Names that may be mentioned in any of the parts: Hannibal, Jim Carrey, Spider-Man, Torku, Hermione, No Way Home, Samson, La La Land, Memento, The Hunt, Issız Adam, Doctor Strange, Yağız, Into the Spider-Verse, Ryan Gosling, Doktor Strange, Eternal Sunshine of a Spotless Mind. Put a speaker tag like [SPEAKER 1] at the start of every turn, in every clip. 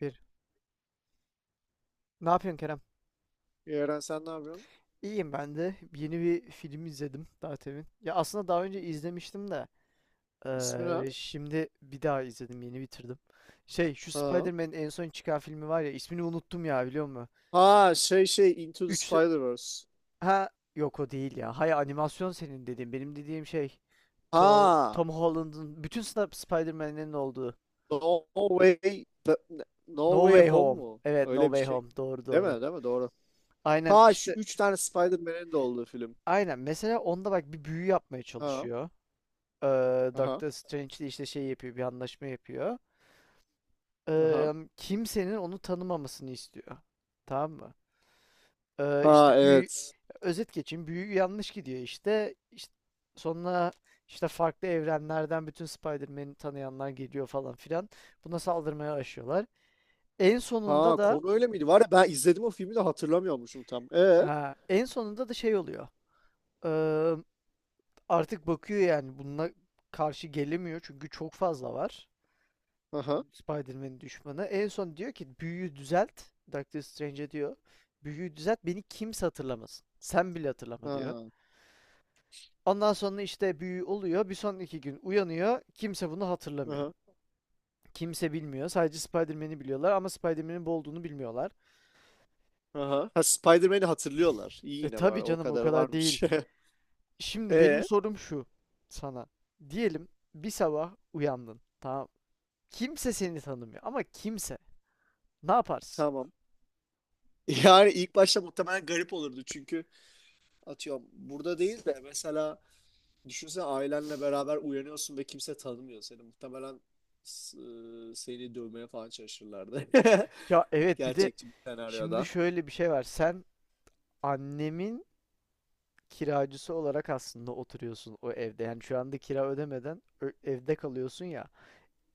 [SPEAKER 1] Bir. Ne yapıyorsun Kerem?
[SPEAKER 2] Eren sen ne yapıyorsun?
[SPEAKER 1] İyiyim ben de. Yeni bir film izledim daha temin. Ya aslında daha önce izlemiştim de
[SPEAKER 2] İsmi ne?
[SPEAKER 1] şimdi bir daha izledim. Yeni bitirdim. Şey şu
[SPEAKER 2] Ha.
[SPEAKER 1] Spider-Man'in en son çıkan filmi var ya ismini unuttum ya biliyor musun?
[SPEAKER 2] Ha şey Into the
[SPEAKER 1] Üç...
[SPEAKER 2] Spider-Verse.
[SPEAKER 1] Ha yok o değil ya. Hayır animasyon senin dediğin. Benim dediğim şey To
[SPEAKER 2] Ha.
[SPEAKER 1] Tom Holland'ın bütün Spider-Man'lerin olduğu.
[SPEAKER 2] No Way No
[SPEAKER 1] No
[SPEAKER 2] Way
[SPEAKER 1] Way
[SPEAKER 2] Home
[SPEAKER 1] Home.
[SPEAKER 2] mu?
[SPEAKER 1] Evet, No
[SPEAKER 2] Öyle bir
[SPEAKER 1] Way
[SPEAKER 2] şey.
[SPEAKER 1] Home. Doğru,
[SPEAKER 2] Değil
[SPEAKER 1] doğru.
[SPEAKER 2] mi? Değil mi? Doğru.
[SPEAKER 1] Aynen
[SPEAKER 2] Ha şu
[SPEAKER 1] işte,
[SPEAKER 2] üç tane Spider-Man'in de olduğu film.
[SPEAKER 1] aynen. Mesela onda bak bir büyü yapmaya
[SPEAKER 2] Ha.
[SPEAKER 1] çalışıyor.
[SPEAKER 2] Aha.
[SPEAKER 1] Doctor Strange de işte şey yapıyor, bir anlaşma yapıyor.
[SPEAKER 2] Aha.
[SPEAKER 1] Kimsenin onu tanımamasını istiyor. Tamam mı? İşte
[SPEAKER 2] Ha,
[SPEAKER 1] büyü
[SPEAKER 2] evet.
[SPEAKER 1] özet geçeyim. Büyü yanlış gidiyor işte. İşte sonra işte farklı evrenlerden bütün Spider-Man'i tanıyanlar geliyor falan filan. Buna saldırmaya başlıyorlar. En sonunda
[SPEAKER 2] Ha
[SPEAKER 1] da
[SPEAKER 2] konu öyle miydi? Var ya ben izledim o filmi de hatırlamıyormuşum tam. E.
[SPEAKER 1] Ha, en sonunda da şey oluyor. Eee, artık bakıyor, yani bununla karşı gelemiyor çünkü çok fazla var.
[SPEAKER 2] Aha.
[SPEAKER 1] Spider-Man'in düşmanı. En son diyor ki büyüyü düzelt. Doctor Strange'e diyor. Büyüyü düzelt, beni kimse hatırlamasın. Sen bile hatırlama diyor.
[SPEAKER 2] Ha.
[SPEAKER 1] Ondan sonra işte büyü oluyor. Bir sonraki gün uyanıyor. Kimse bunu hatırlamıyor.
[SPEAKER 2] Aha.
[SPEAKER 1] Kimse bilmiyor. Sadece Spider-Man'i biliyorlar ama Spider-Man'in bu olduğunu bilmiyorlar.
[SPEAKER 2] Aha. Ha, Spider-Man'i hatırlıyorlar. İyi
[SPEAKER 1] E
[SPEAKER 2] yine bari
[SPEAKER 1] tabii
[SPEAKER 2] o
[SPEAKER 1] canım, o
[SPEAKER 2] kadar
[SPEAKER 1] kadar
[SPEAKER 2] varmış.
[SPEAKER 1] değil. Şimdi benim
[SPEAKER 2] E.
[SPEAKER 1] sorum şu sana. Diyelim bir sabah uyandın. Tamam. Kimse seni tanımıyor, ama kimse. Ne yaparsın?
[SPEAKER 2] Tamam. Yani ilk başta muhtemelen garip olurdu çünkü atıyorum burada değil de mesela düşünsene ailenle beraber uyanıyorsun ve kimse tanımıyor seni. Muhtemelen s- seni dövmeye falan çalışırlardı.
[SPEAKER 1] Ya evet, bir de
[SPEAKER 2] Gerçekçi bir
[SPEAKER 1] şimdi
[SPEAKER 2] senaryoda.
[SPEAKER 1] şöyle bir şey var. Sen annemin kiracısı olarak aslında oturuyorsun o evde. Yani şu anda kira ödemeden evde kalıyorsun ya.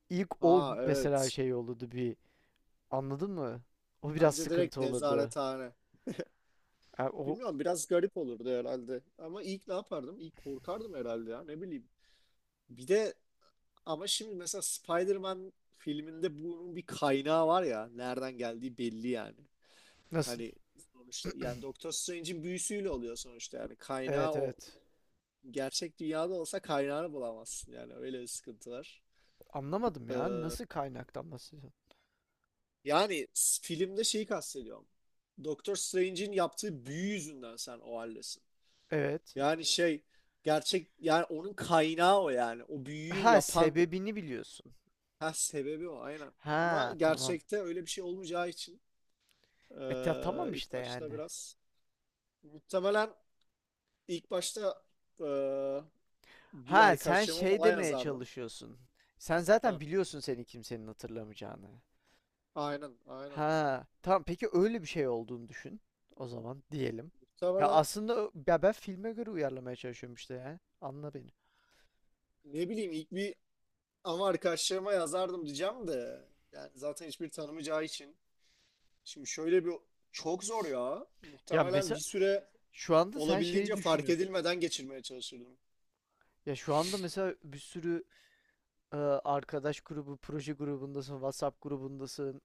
[SPEAKER 1] İlk o
[SPEAKER 2] Ha,
[SPEAKER 1] mesela
[SPEAKER 2] evet.
[SPEAKER 1] şey olurdu bir. Anladın mı? O biraz
[SPEAKER 2] Bence direkt
[SPEAKER 1] sıkıntı olurdu.
[SPEAKER 2] nezarethane.
[SPEAKER 1] Ha, o
[SPEAKER 2] Bilmiyorum, biraz garip olurdu herhalde. Ama ilk ne yapardım? İlk korkardım herhalde ya, ne bileyim. Bir de ama şimdi mesela Spider-Man filminde bunun bir kaynağı var ya. Nereden geldiği belli yani.
[SPEAKER 1] nasıl?
[SPEAKER 2] Hani sonuçta yani Doktor Strange'in büyüsüyle oluyor sonuçta, yani kaynağı
[SPEAKER 1] Evet,
[SPEAKER 2] o.
[SPEAKER 1] evet.
[SPEAKER 2] Gerçek dünyada olsa kaynağını bulamazsın, yani öyle bir sıkıntı var.
[SPEAKER 1] Anlamadım ya.
[SPEAKER 2] Ee,
[SPEAKER 1] Nasıl kaynaktan bahsediyorsun?
[SPEAKER 2] yani filmde şeyi kastediyorum. Doktor Strange'in yaptığı büyü yüzünden sen o haldesin.
[SPEAKER 1] Evet.
[SPEAKER 2] Yani şey, gerçek yani onun kaynağı o yani. O büyüyü
[SPEAKER 1] Ha,
[SPEAKER 2] yapan
[SPEAKER 1] sebebini biliyorsun.
[SPEAKER 2] ha, sebebi o aynen. Ama
[SPEAKER 1] Ha, tamam.
[SPEAKER 2] gerçekte öyle bir şey olmayacağı için
[SPEAKER 1] Tamam
[SPEAKER 2] ilk
[SPEAKER 1] işte,
[SPEAKER 2] başta
[SPEAKER 1] yani.
[SPEAKER 2] biraz muhtemelen ilk başta ee, bir
[SPEAKER 1] Ha, sen
[SPEAKER 2] arkadaşıma
[SPEAKER 1] şey
[SPEAKER 2] falan
[SPEAKER 1] demeye
[SPEAKER 2] yazardım.
[SPEAKER 1] çalışıyorsun. Sen zaten
[SPEAKER 2] Ha,
[SPEAKER 1] biliyorsun senin kimsenin hatırlamayacağını.
[SPEAKER 2] aynen.
[SPEAKER 1] Ha, tamam, peki öyle bir şey olduğunu düşün o zaman diyelim. Ya
[SPEAKER 2] Muhtemelen
[SPEAKER 1] aslında ya ben filme göre uyarlamaya çalışıyorum işte ya. Anla beni.
[SPEAKER 2] ne bileyim ilk bir ama arkadaşlarıma yazardım diyeceğim de yani zaten hiçbir tanımayacağı için. Şimdi şöyle bir çok zor ya.
[SPEAKER 1] Ya
[SPEAKER 2] Muhtemelen bir
[SPEAKER 1] mesela
[SPEAKER 2] süre
[SPEAKER 1] şu anda sen şeyi
[SPEAKER 2] olabildiğince fark
[SPEAKER 1] düşünüyorsun.
[SPEAKER 2] edilmeden geçirmeye çalışırdım.
[SPEAKER 1] Ya şu anda mesela bir sürü arkadaş grubu, proje grubundasın, WhatsApp grubundasın.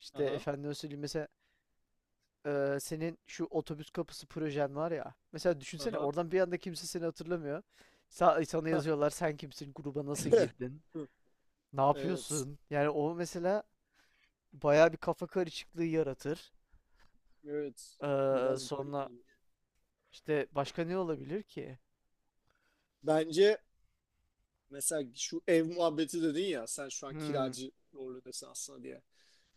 [SPEAKER 1] İşte
[SPEAKER 2] Aha,
[SPEAKER 1] efendim söyleyeyim mesela, senin şu otobüs kapısı projen var ya. Mesela düşünsene
[SPEAKER 2] aha.
[SPEAKER 1] oradan bir anda kimse seni hatırlamıyor. Sana yazıyorlar, sen kimsin, gruba nasıl girdin, ne
[SPEAKER 2] Evet,
[SPEAKER 1] yapıyorsun? Yani o mesela bayağı bir kafa karışıklığı yaratır.
[SPEAKER 2] evet. Biraz garip
[SPEAKER 1] Sonra
[SPEAKER 2] olur.
[SPEAKER 1] işte başka ne olabilir ki?
[SPEAKER 2] Bence mesela şu ev muhabbeti dedin ya sen şu an
[SPEAKER 1] Hmm.
[SPEAKER 2] kiracı rolündesin aslında diye.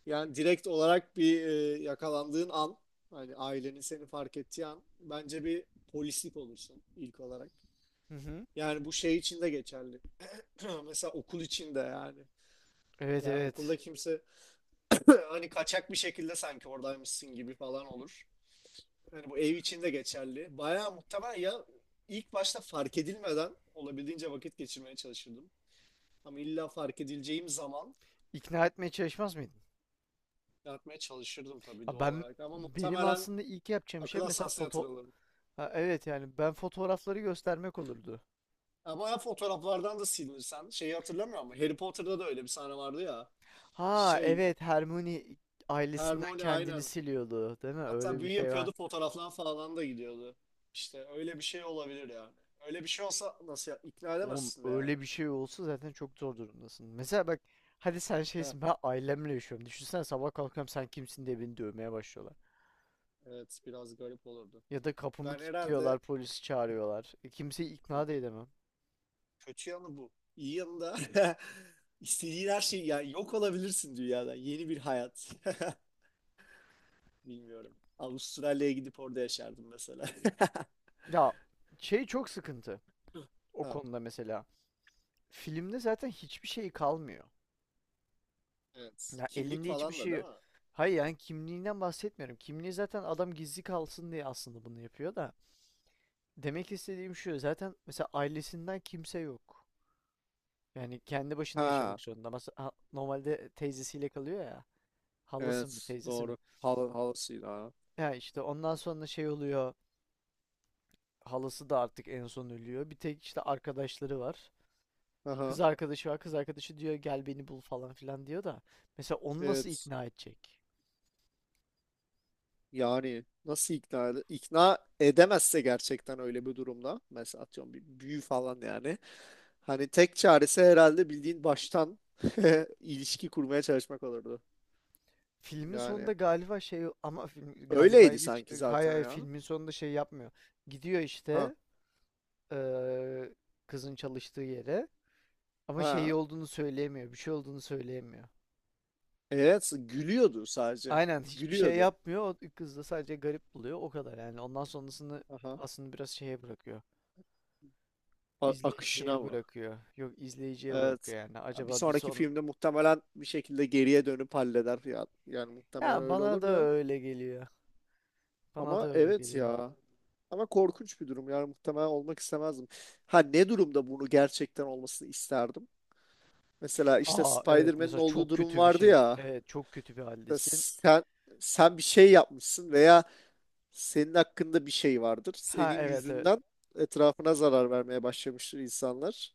[SPEAKER 2] Yani direkt olarak bir yakalandığın an, hani ailenin seni fark ettiği an bence bir polislik olursun ilk olarak.
[SPEAKER 1] Hı hı.
[SPEAKER 2] Yani bu şey için de geçerli. Mesela okul için de yani.
[SPEAKER 1] Evet,
[SPEAKER 2] Yani okulda
[SPEAKER 1] evet.
[SPEAKER 2] kimse hani kaçak bir şekilde sanki oradaymışsın gibi falan olur. Yani bu ev için de geçerli. Bayağı muhtemel ya ilk başta fark edilmeden olabildiğince vakit geçirmeye çalışırdım. Ama illa fark edileceğim zaman
[SPEAKER 1] İkna etmeye çalışmaz mıydın?
[SPEAKER 2] yapmaya çalışırdım tabii
[SPEAKER 1] Ya
[SPEAKER 2] doğal
[SPEAKER 1] ben
[SPEAKER 2] olarak. Ama
[SPEAKER 1] benim
[SPEAKER 2] muhtemelen
[SPEAKER 1] aslında ilk yapacağım şey
[SPEAKER 2] akıl
[SPEAKER 1] mesela
[SPEAKER 2] hastanesine yatırılırdım.
[SPEAKER 1] ha, evet yani ben fotoğrafları göstermek olurdu.
[SPEAKER 2] Ya bayağı fotoğraflardan da silinirsen şeyi hatırlamıyor, ama Harry Potter'da da öyle bir sahne vardı ya.
[SPEAKER 1] Ha
[SPEAKER 2] Şey
[SPEAKER 1] evet, Hermione ailesinden
[SPEAKER 2] Hermione
[SPEAKER 1] kendini
[SPEAKER 2] aynen.
[SPEAKER 1] siliyordu değil mi?
[SPEAKER 2] Hatta
[SPEAKER 1] Öyle bir
[SPEAKER 2] büyü
[SPEAKER 1] şey var.
[SPEAKER 2] yapıyordu, fotoğraflar falan da gidiyordu. İşte öyle bir şey olabilir yani. Öyle bir şey olsa nasıl ya? İkna
[SPEAKER 1] Oğlum
[SPEAKER 2] edemezsin de yani.
[SPEAKER 1] öyle bir şey olsa zaten çok zor durumdasın. Mesela bak, hadi sen
[SPEAKER 2] Heh,
[SPEAKER 1] şeysin, ben ailemle yaşıyorum. Düşünsene sabah kalkıyorum, sen kimsin diye beni dövmeye başlıyorlar.
[SPEAKER 2] evet biraz garip olurdu.
[SPEAKER 1] Ya da kapımı
[SPEAKER 2] Ben herhalde
[SPEAKER 1] kilitliyorlar, polisi çağırıyorlar. Kimseyi ikna da edemem.
[SPEAKER 2] kötü yanı bu. İyi yanı da istediğin her şey yani, yok olabilirsin dünyada. Yeni bir hayat. Bilmiyorum. Avustralya'ya gidip orada yaşardım mesela.
[SPEAKER 1] Ya şey, çok sıkıntı o
[SPEAKER 2] Ha.
[SPEAKER 1] konuda mesela. Filmde zaten hiçbir şey kalmıyor.
[SPEAKER 2] Evet.
[SPEAKER 1] Ya
[SPEAKER 2] Kimlik
[SPEAKER 1] elinde hiçbir
[SPEAKER 2] falan da değil
[SPEAKER 1] şey.
[SPEAKER 2] mi?
[SPEAKER 1] Hayır, yani kimliğinden bahsetmiyorum. Kimliği zaten adam gizli kalsın diye aslında bunu yapıyor da. Demek istediğim şu, zaten mesela ailesinden kimse yok. Yani kendi başına yaşamak
[SPEAKER 2] Ha,
[SPEAKER 1] zorunda. Mesela normalde teyzesiyle kalıyor ya. Halası mı,
[SPEAKER 2] evet
[SPEAKER 1] teyzesi mi?
[SPEAKER 2] doğru. Halısıydı ha.
[SPEAKER 1] Ya işte ondan sonra şey oluyor. Halası da artık en son ölüyor. Bir tek işte arkadaşları var.
[SPEAKER 2] Aha,
[SPEAKER 1] Kız arkadaşı var. Kız arkadaşı diyor gel beni bul falan filan diyor da. Mesela onu nasıl
[SPEAKER 2] evet.
[SPEAKER 1] ikna edecek?
[SPEAKER 2] Yani nasıl ikna edemezse gerçekten öyle bir durumda mesela atıyorum bir büyü falan yani. Hani tek çaresi herhalde bildiğin baştan ilişki kurmaya çalışmak olurdu.
[SPEAKER 1] Filmin
[SPEAKER 2] Yani
[SPEAKER 1] sonunda galiba şey, ama film galiba
[SPEAKER 2] öyleydi sanki
[SPEAKER 1] hayır,
[SPEAKER 2] zaten
[SPEAKER 1] hayır,
[SPEAKER 2] ya.
[SPEAKER 1] filmin sonunda şey yapmıyor. Gidiyor
[SPEAKER 2] Ha
[SPEAKER 1] işte eee, kızın çalıştığı yere, ama
[SPEAKER 2] ha.
[SPEAKER 1] şey olduğunu söyleyemiyor. Bir şey olduğunu söyleyemiyor.
[SPEAKER 2] Evet, gülüyordu sadece.
[SPEAKER 1] Aynen, hiçbir şey
[SPEAKER 2] Gülüyordu.
[SPEAKER 1] yapmıyor. O kız da sadece garip buluyor. O kadar yani. Ondan sonrasını
[SPEAKER 2] Aha.
[SPEAKER 1] aslında biraz şeye bırakıyor.
[SPEAKER 2] A- akışına
[SPEAKER 1] İzleyiciye
[SPEAKER 2] mı?
[SPEAKER 1] bırakıyor. Yok, izleyiciye
[SPEAKER 2] Evet.
[SPEAKER 1] bırakıyor yani.
[SPEAKER 2] Ya bir
[SPEAKER 1] Acaba bir
[SPEAKER 2] sonraki
[SPEAKER 1] son...
[SPEAKER 2] filmde muhtemelen bir şekilde geriye dönüp halleder. Ya, yani muhtemelen
[SPEAKER 1] Ya
[SPEAKER 2] öyle
[SPEAKER 1] bana da
[SPEAKER 2] olur da.
[SPEAKER 1] öyle geliyor. Bana da
[SPEAKER 2] Ama
[SPEAKER 1] öyle
[SPEAKER 2] evet
[SPEAKER 1] geliyor.
[SPEAKER 2] ya. Ama korkunç bir durum. Yani muhtemelen olmak istemezdim. Ha, ne durumda bunu gerçekten olmasını isterdim? Mesela işte
[SPEAKER 1] Ha evet,
[SPEAKER 2] Spider-Man'in
[SPEAKER 1] mesela
[SPEAKER 2] olduğu
[SPEAKER 1] çok
[SPEAKER 2] durum
[SPEAKER 1] kötü bir
[SPEAKER 2] vardı
[SPEAKER 1] şey.
[SPEAKER 2] ya.
[SPEAKER 1] Evet, çok kötü bir
[SPEAKER 2] İşte
[SPEAKER 1] haldesin.
[SPEAKER 2] sen, sen bir şey yapmışsın veya senin hakkında bir şey vardır.
[SPEAKER 1] Ha
[SPEAKER 2] Senin
[SPEAKER 1] evet, evet.
[SPEAKER 2] yüzünden etrafına zarar vermeye başlamıştır insanlar.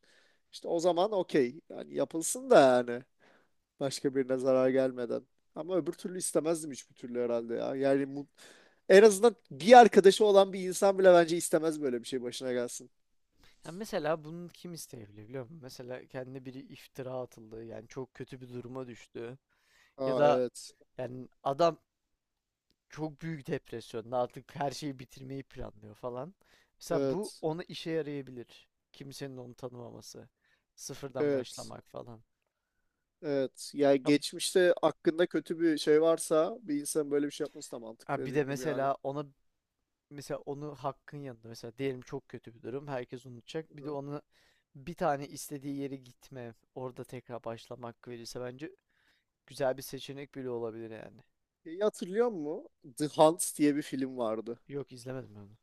[SPEAKER 2] İşte o zaman okey. Yani yapılsın da yani. Başka birine zarar gelmeden. Ama öbür türlü istemezdim hiçbir türlü herhalde ya. Yani en azından bir arkadaşı olan bir insan bile bence istemez böyle bir şey başına gelsin.
[SPEAKER 1] Ya mesela bunu kim isteyebilir biliyor musun? Mesela kendine biri iftira atıldı. Yani çok kötü bir duruma düştü. Ya
[SPEAKER 2] Aa,
[SPEAKER 1] da
[SPEAKER 2] evet.
[SPEAKER 1] yani adam çok büyük depresyonda, artık her şeyi bitirmeyi planlıyor falan. Mesela bu
[SPEAKER 2] Evet.
[SPEAKER 1] ona işe yarayabilir. Kimsenin onu tanımaması. Sıfırdan
[SPEAKER 2] Evet.
[SPEAKER 1] başlamak falan.
[SPEAKER 2] Evet. Yani
[SPEAKER 1] Ya,
[SPEAKER 2] geçmişte hakkında kötü bir şey varsa bir insan böyle bir şey yapması da mantıklı
[SPEAKER 1] ha bir de
[SPEAKER 2] dediğin gibi yani.
[SPEAKER 1] mesela ona, mesela onu hakkın yanında mesela diyelim çok kötü bir durum, herkes unutacak. Bir de
[SPEAKER 2] Hı.
[SPEAKER 1] onu bir tane istediği yere gitme, orada tekrar başlamak verirse bence güzel bir seçenek bile olabilir yani.
[SPEAKER 2] Şeyi hatırlıyor musun? The Hunt diye bir film vardı.
[SPEAKER 1] Yok, izlemedim ben onu.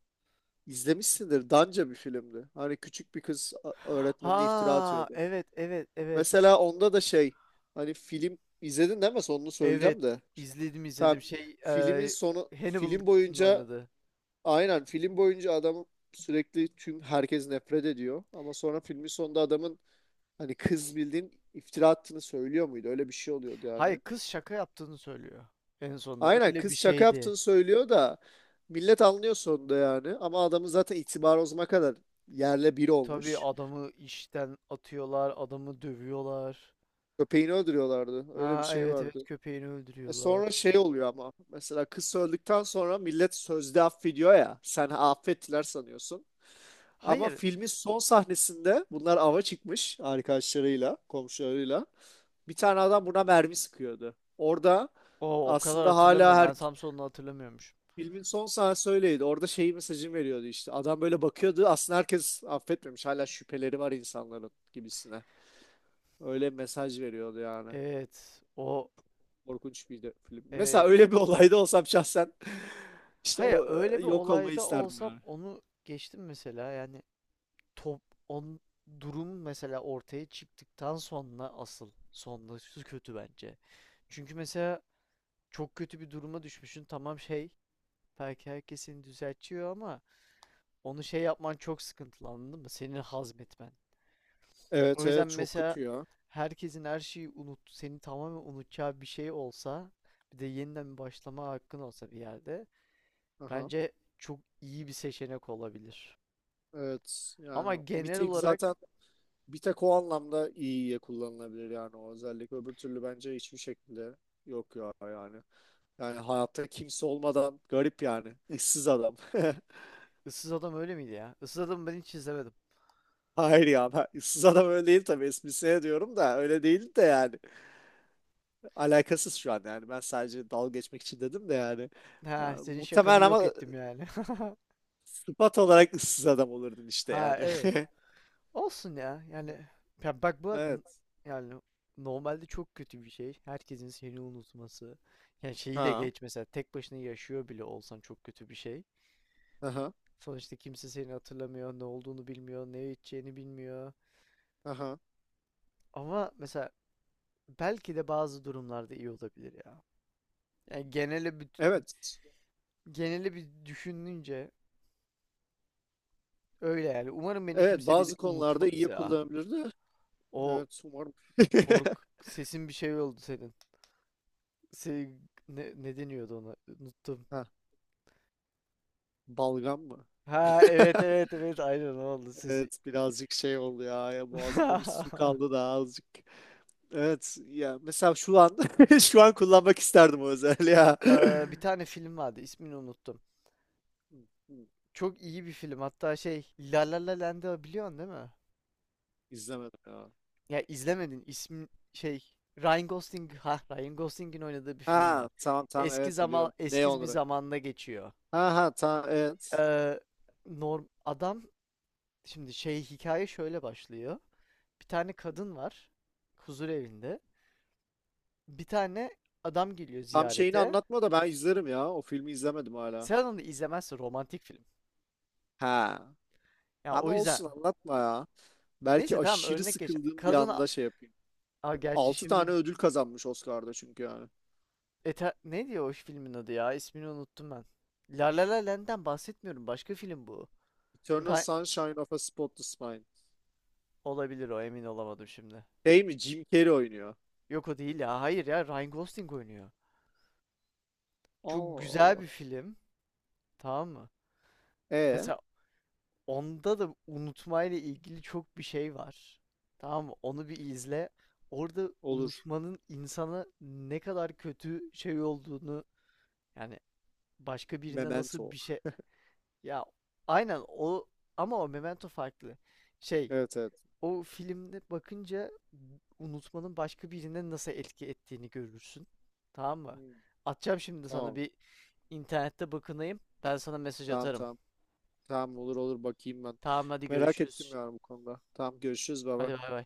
[SPEAKER 2] İzlemişsindir. Danca bir filmdi. Hani küçük bir öğretmenine iftira
[SPEAKER 1] Ha
[SPEAKER 2] atıyordu.
[SPEAKER 1] evet, evet, evet.
[SPEAKER 2] Mesela onda da şey, hani film izledin değil mi? Sonunu
[SPEAKER 1] Evet,
[SPEAKER 2] söyleyeceğim de. Şu-
[SPEAKER 1] izledim, izledim
[SPEAKER 2] Tamam.
[SPEAKER 1] şey,
[SPEAKER 2] Filmin sonu film
[SPEAKER 1] Hannibal'ın
[SPEAKER 2] boyunca
[SPEAKER 1] oynadı.
[SPEAKER 2] aynen film boyunca adam sürekli tüm herkes nefret ediyor. Ama sonra filmin sonunda adamın hani kız bildiğin iftira attığını söylüyor muydu? Öyle bir şey oluyordu
[SPEAKER 1] Hayır,
[SPEAKER 2] yani.
[SPEAKER 1] kız şaka yaptığını söylüyor en sonunda,
[SPEAKER 2] Aynen
[SPEAKER 1] öyle bir
[SPEAKER 2] kız şaka
[SPEAKER 1] şeydi.
[SPEAKER 2] yaptığını söylüyor da millet anlıyor sonunda yani. Ama adamın zaten itibarı o zamana kadar yerle bir
[SPEAKER 1] Tabii,
[SPEAKER 2] olmuş.
[SPEAKER 1] adamı işten atıyorlar, adamı dövüyorlar.
[SPEAKER 2] Köpeğini öldürüyorlardı. Öyle bir
[SPEAKER 1] Ha
[SPEAKER 2] şey
[SPEAKER 1] evet, evet,
[SPEAKER 2] vardı.
[SPEAKER 1] köpeğini
[SPEAKER 2] E sonra
[SPEAKER 1] öldürüyorlar.
[SPEAKER 2] şey oluyor ama mesela kız öldükten sonra millet sözde affediyor ya, sen affettiler sanıyorsun. Ama
[SPEAKER 1] Hayır.
[SPEAKER 2] filmin son sahnesinde bunlar ava çıkmış arkadaşlarıyla, komşularıyla. Bir tane adam buna mermi sıkıyordu. Orada
[SPEAKER 1] O kadar
[SPEAKER 2] aslında hala
[SPEAKER 1] hatırlamıyorum.
[SPEAKER 2] her
[SPEAKER 1] Ben Samson'u hatırlamıyormuşum.
[SPEAKER 2] filmin son sahnesi öyleydi. Orada şeyi, mesajını veriyordu işte. Adam böyle bakıyordu. Aslında herkes affetmemiş. Hala şüpheleri var insanların gibisine. Öyle mesaj veriyordu yani.
[SPEAKER 1] Evet. O,
[SPEAKER 2] Korkunç bir de film. Mesela
[SPEAKER 1] evet.
[SPEAKER 2] öyle bir olayda olsam şahsen işte
[SPEAKER 1] Hayır,
[SPEAKER 2] o
[SPEAKER 1] öyle bir
[SPEAKER 2] yok olmayı
[SPEAKER 1] olayda
[SPEAKER 2] isterdim
[SPEAKER 1] olsam
[SPEAKER 2] yani.
[SPEAKER 1] onu geçtim mesela. Yani top on durum mesela ortaya çıktıktan sonra asıl sonrası kötü bence. Çünkü mesela çok kötü bir duruma düşmüşsün. Tamam, şey, belki herkesin düzeltiyor ama onu şey yapman çok sıkıntılı, anladın mı? Senin hazmetmen. O
[SPEAKER 2] Evet,
[SPEAKER 1] yüzden
[SPEAKER 2] evet çok
[SPEAKER 1] mesela
[SPEAKER 2] kötü ya.
[SPEAKER 1] herkesin her şeyi unut, seni tamamen unutacağı bir şey olsa, bir de yeniden başlama hakkın olsa bir yerde,
[SPEAKER 2] Aha.
[SPEAKER 1] bence çok iyi bir seçenek olabilir.
[SPEAKER 2] Evet
[SPEAKER 1] Ama
[SPEAKER 2] yani bir
[SPEAKER 1] genel
[SPEAKER 2] tek
[SPEAKER 1] olarak
[SPEAKER 2] zaten bir tek o anlamda iyiye kullanılabilir yani o özellik. Öbür türlü bence hiçbir şekilde yok ya yani. Yani hayatta kimse olmadan garip yani. Issız adam.
[SPEAKER 1] Issız Adam öyle miydi ya? Issız Adam'ı ben hiç izlemedim.
[SPEAKER 2] Hayır ya, ben ıssız adam öyle değil tabii, esprisine diyorum da öyle değil de yani. Alakasız şu an yani. Ben sadece dalga geçmek için dedim de yani.
[SPEAKER 1] Ha,
[SPEAKER 2] Ya,
[SPEAKER 1] senin şakanı
[SPEAKER 2] muhtemelen
[SPEAKER 1] yok
[SPEAKER 2] ama
[SPEAKER 1] ettim yani.
[SPEAKER 2] sıfat olarak ıssız adam olurdun işte
[SPEAKER 1] Ha,
[SPEAKER 2] yani.
[SPEAKER 1] evet. Olsun ya. Yani ya bak bu n-
[SPEAKER 2] Evet.
[SPEAKER 1] yani normalde çok kötü bir şey. Herkesin seni unutması. Yani şeyi de
[SPEAKER 2] Ha.
[SPEAKER 1] geç, mesela tek başına yaşıyor bile olsan çok kötü bir şey.
[SPEAKER 2] Aha.
[SPEAKER 1] Sonuçta kimse seni hatırlamıyor, ne olduğunu bilmiyor, ne içeceğini bilmiyor.
[SPEAKER 2] Aha.
[SPEAKER 1] Ama mesela belki de bazı durumlarda iyi olabilir ya. Yani
[SPEAKER 2] Evet.
[SPEAKER 1] genele bir düşününce öyle yani. Umarım beni
[SPEAKER 2] Evet,
[SPEAKER 1] kimse bir de
[SPEAKER 2] bazı konularda
[SPEAKER 1] unutmaz
[SPEAKER 2] iyi
[SPEAKER 1] ya.
[SPEAKER 2] kullanabilirdi.
[SPEAKER 1] O
[SPEAKER 2] Evet umarım.
[SPEAKER 1] kork sesin bir şey oldu senin. Se ne deniyordu ona? Unuttum.
[SPEAKER 2] Ha, balgam mı?
[SPEAKER 1] Ha evet, evet, evet, aynen oldu sesi.
[SPEAKER 2] Evet birazcık şey oldu ya, ya boğazımda bir su kaldı da azıcık. Evet ya, mesela şu an şu an kullanmak isterdim o özelliği ya.
[SPEAKER 1] Bir tane film vardı, ismini unuttum.
[SPEAKER 2] Hı, hı,
[SPEAKER 1] Çok iyi bir film, hatta şey, La La La Land'ı biliyorsun değil mi?
[SPEAKER 2] İzlemedim ya.
[SPEAKER 1] Ya izlemedin. İsmi şey, Ryan Gosling'in oynadığı bir film var.
[SPEAKER 2] Ha, tamam tamam evet biliyorum. Ne
[SPEAKER 1] Eski bir
[SPEAKER 2] onları?
[SPEAKER 1] zamanda geçiyor.
[SPEAKER 2] Ha ha tamam evet.
[SPEAKER 1] Ee, norm adam Şimdi şey, hikaye şöyle başlıyor. Bir tane kadın var, huzur evinde. Bir tane adam geliyor
[SPEAKER 2] Tam şeyini
[SPEAKER 1] ziyarete.
[SPEAKER 2] anlatma da ben izlerim ya. O filmi izlemedim hala.
[SPEAKER 1] Sen onu izlemezsin, romantik film.
[SPEAKER 2] Ha.
[SPEAKER 1] Ya
[SPEAKER 2] Ama
[SPEAKER 1] o yüzden
[SPEAKER 2] olsun anlatma
[SPEAKER 1] o-
[SPEAKER 2] ya. Belki
[SPEAKER 1] neyse, tamam,
[SPEAKER 2] aşırı
[SPEAKER 1] örnek geçelim.
[SPEAKER 2] sıkıldığım bir anda şey yapayım.
[SPEAKER 1] Gerçi
[SPEAKER 2] Altı
[SPEAKER 1] şimdi
[SPEAKER 2] tane ödül kazanmış Oscar'da çünkü yani.
[SPEAKER 1] Eter ne diyor o filmin adı ya? İsmini unuttum ben. La La La Land'den bahsetmiyorum. Başka film bu.
[SPEAKER 2] Eternal
[SPEAKER 1] Ra-
[SPEAKER 2] Sunshine of a Spotless Mind.
[SPEAKER 1] Olabilir, o, emin olamadım şimdi.
[SPEAKER 2] Değil mi? Jim Carrey oynuyor.
[SPEAKER 1] Yok, o değil ya. Hayır ya, Ryan Gosling oynuyor. Çok
[SPEAKER 2] Allah
[SPEAKER 1] güzel
[SPEAKER 2] Allah.
[SPEAKER 1] bir film. Tamam mı?
[SPEAKER 2] E
[SPEAKER 1] Mesela onda da unutmayla ilgili çok bir şey var. Tamam mı? Onu bir izle. Orada
[SPEAKER 2] olur.
[SPEAKER 1] unutmanın insana ne kadar kötü şey olduğunu, yani başka birine nasıl bir
[SPEAKER 2] Memento.
[SPEAKER 1] şey, ya aynen o, ama o Memento farklı. Şey,
[SPEAKER 2] Evet, evet.
[SPEAKER 1] o filmde bakınca unutmanın başka birine nasıl etki ettiğini görürsün. Tamam mı?
[SPEAKER 2] Hmm,
[SPEAKER 1] Atacağım şimdi sana
[SPEAKER 2] tamam.
[SPEAKER 1] bir, internette bakınayım. Ben sana mesaj
[SPEAKER 2] Tamam
[SPEAKER 1] atarım.
[SPEAKER 2] tamam. Tamam olur olur bakayım ben.
[SPEAKER 1] Tamam, hadi
[SPEAKER 2] Merak ettim
[SPEAKER 1] görüşürüz.
[SPEAKER 2] yani bu konuda. Tamam görüşürüz
[SPEAKER 1] Hadi,
[SPEAKER 2] baba.
[SPEAKER 1] bay bay.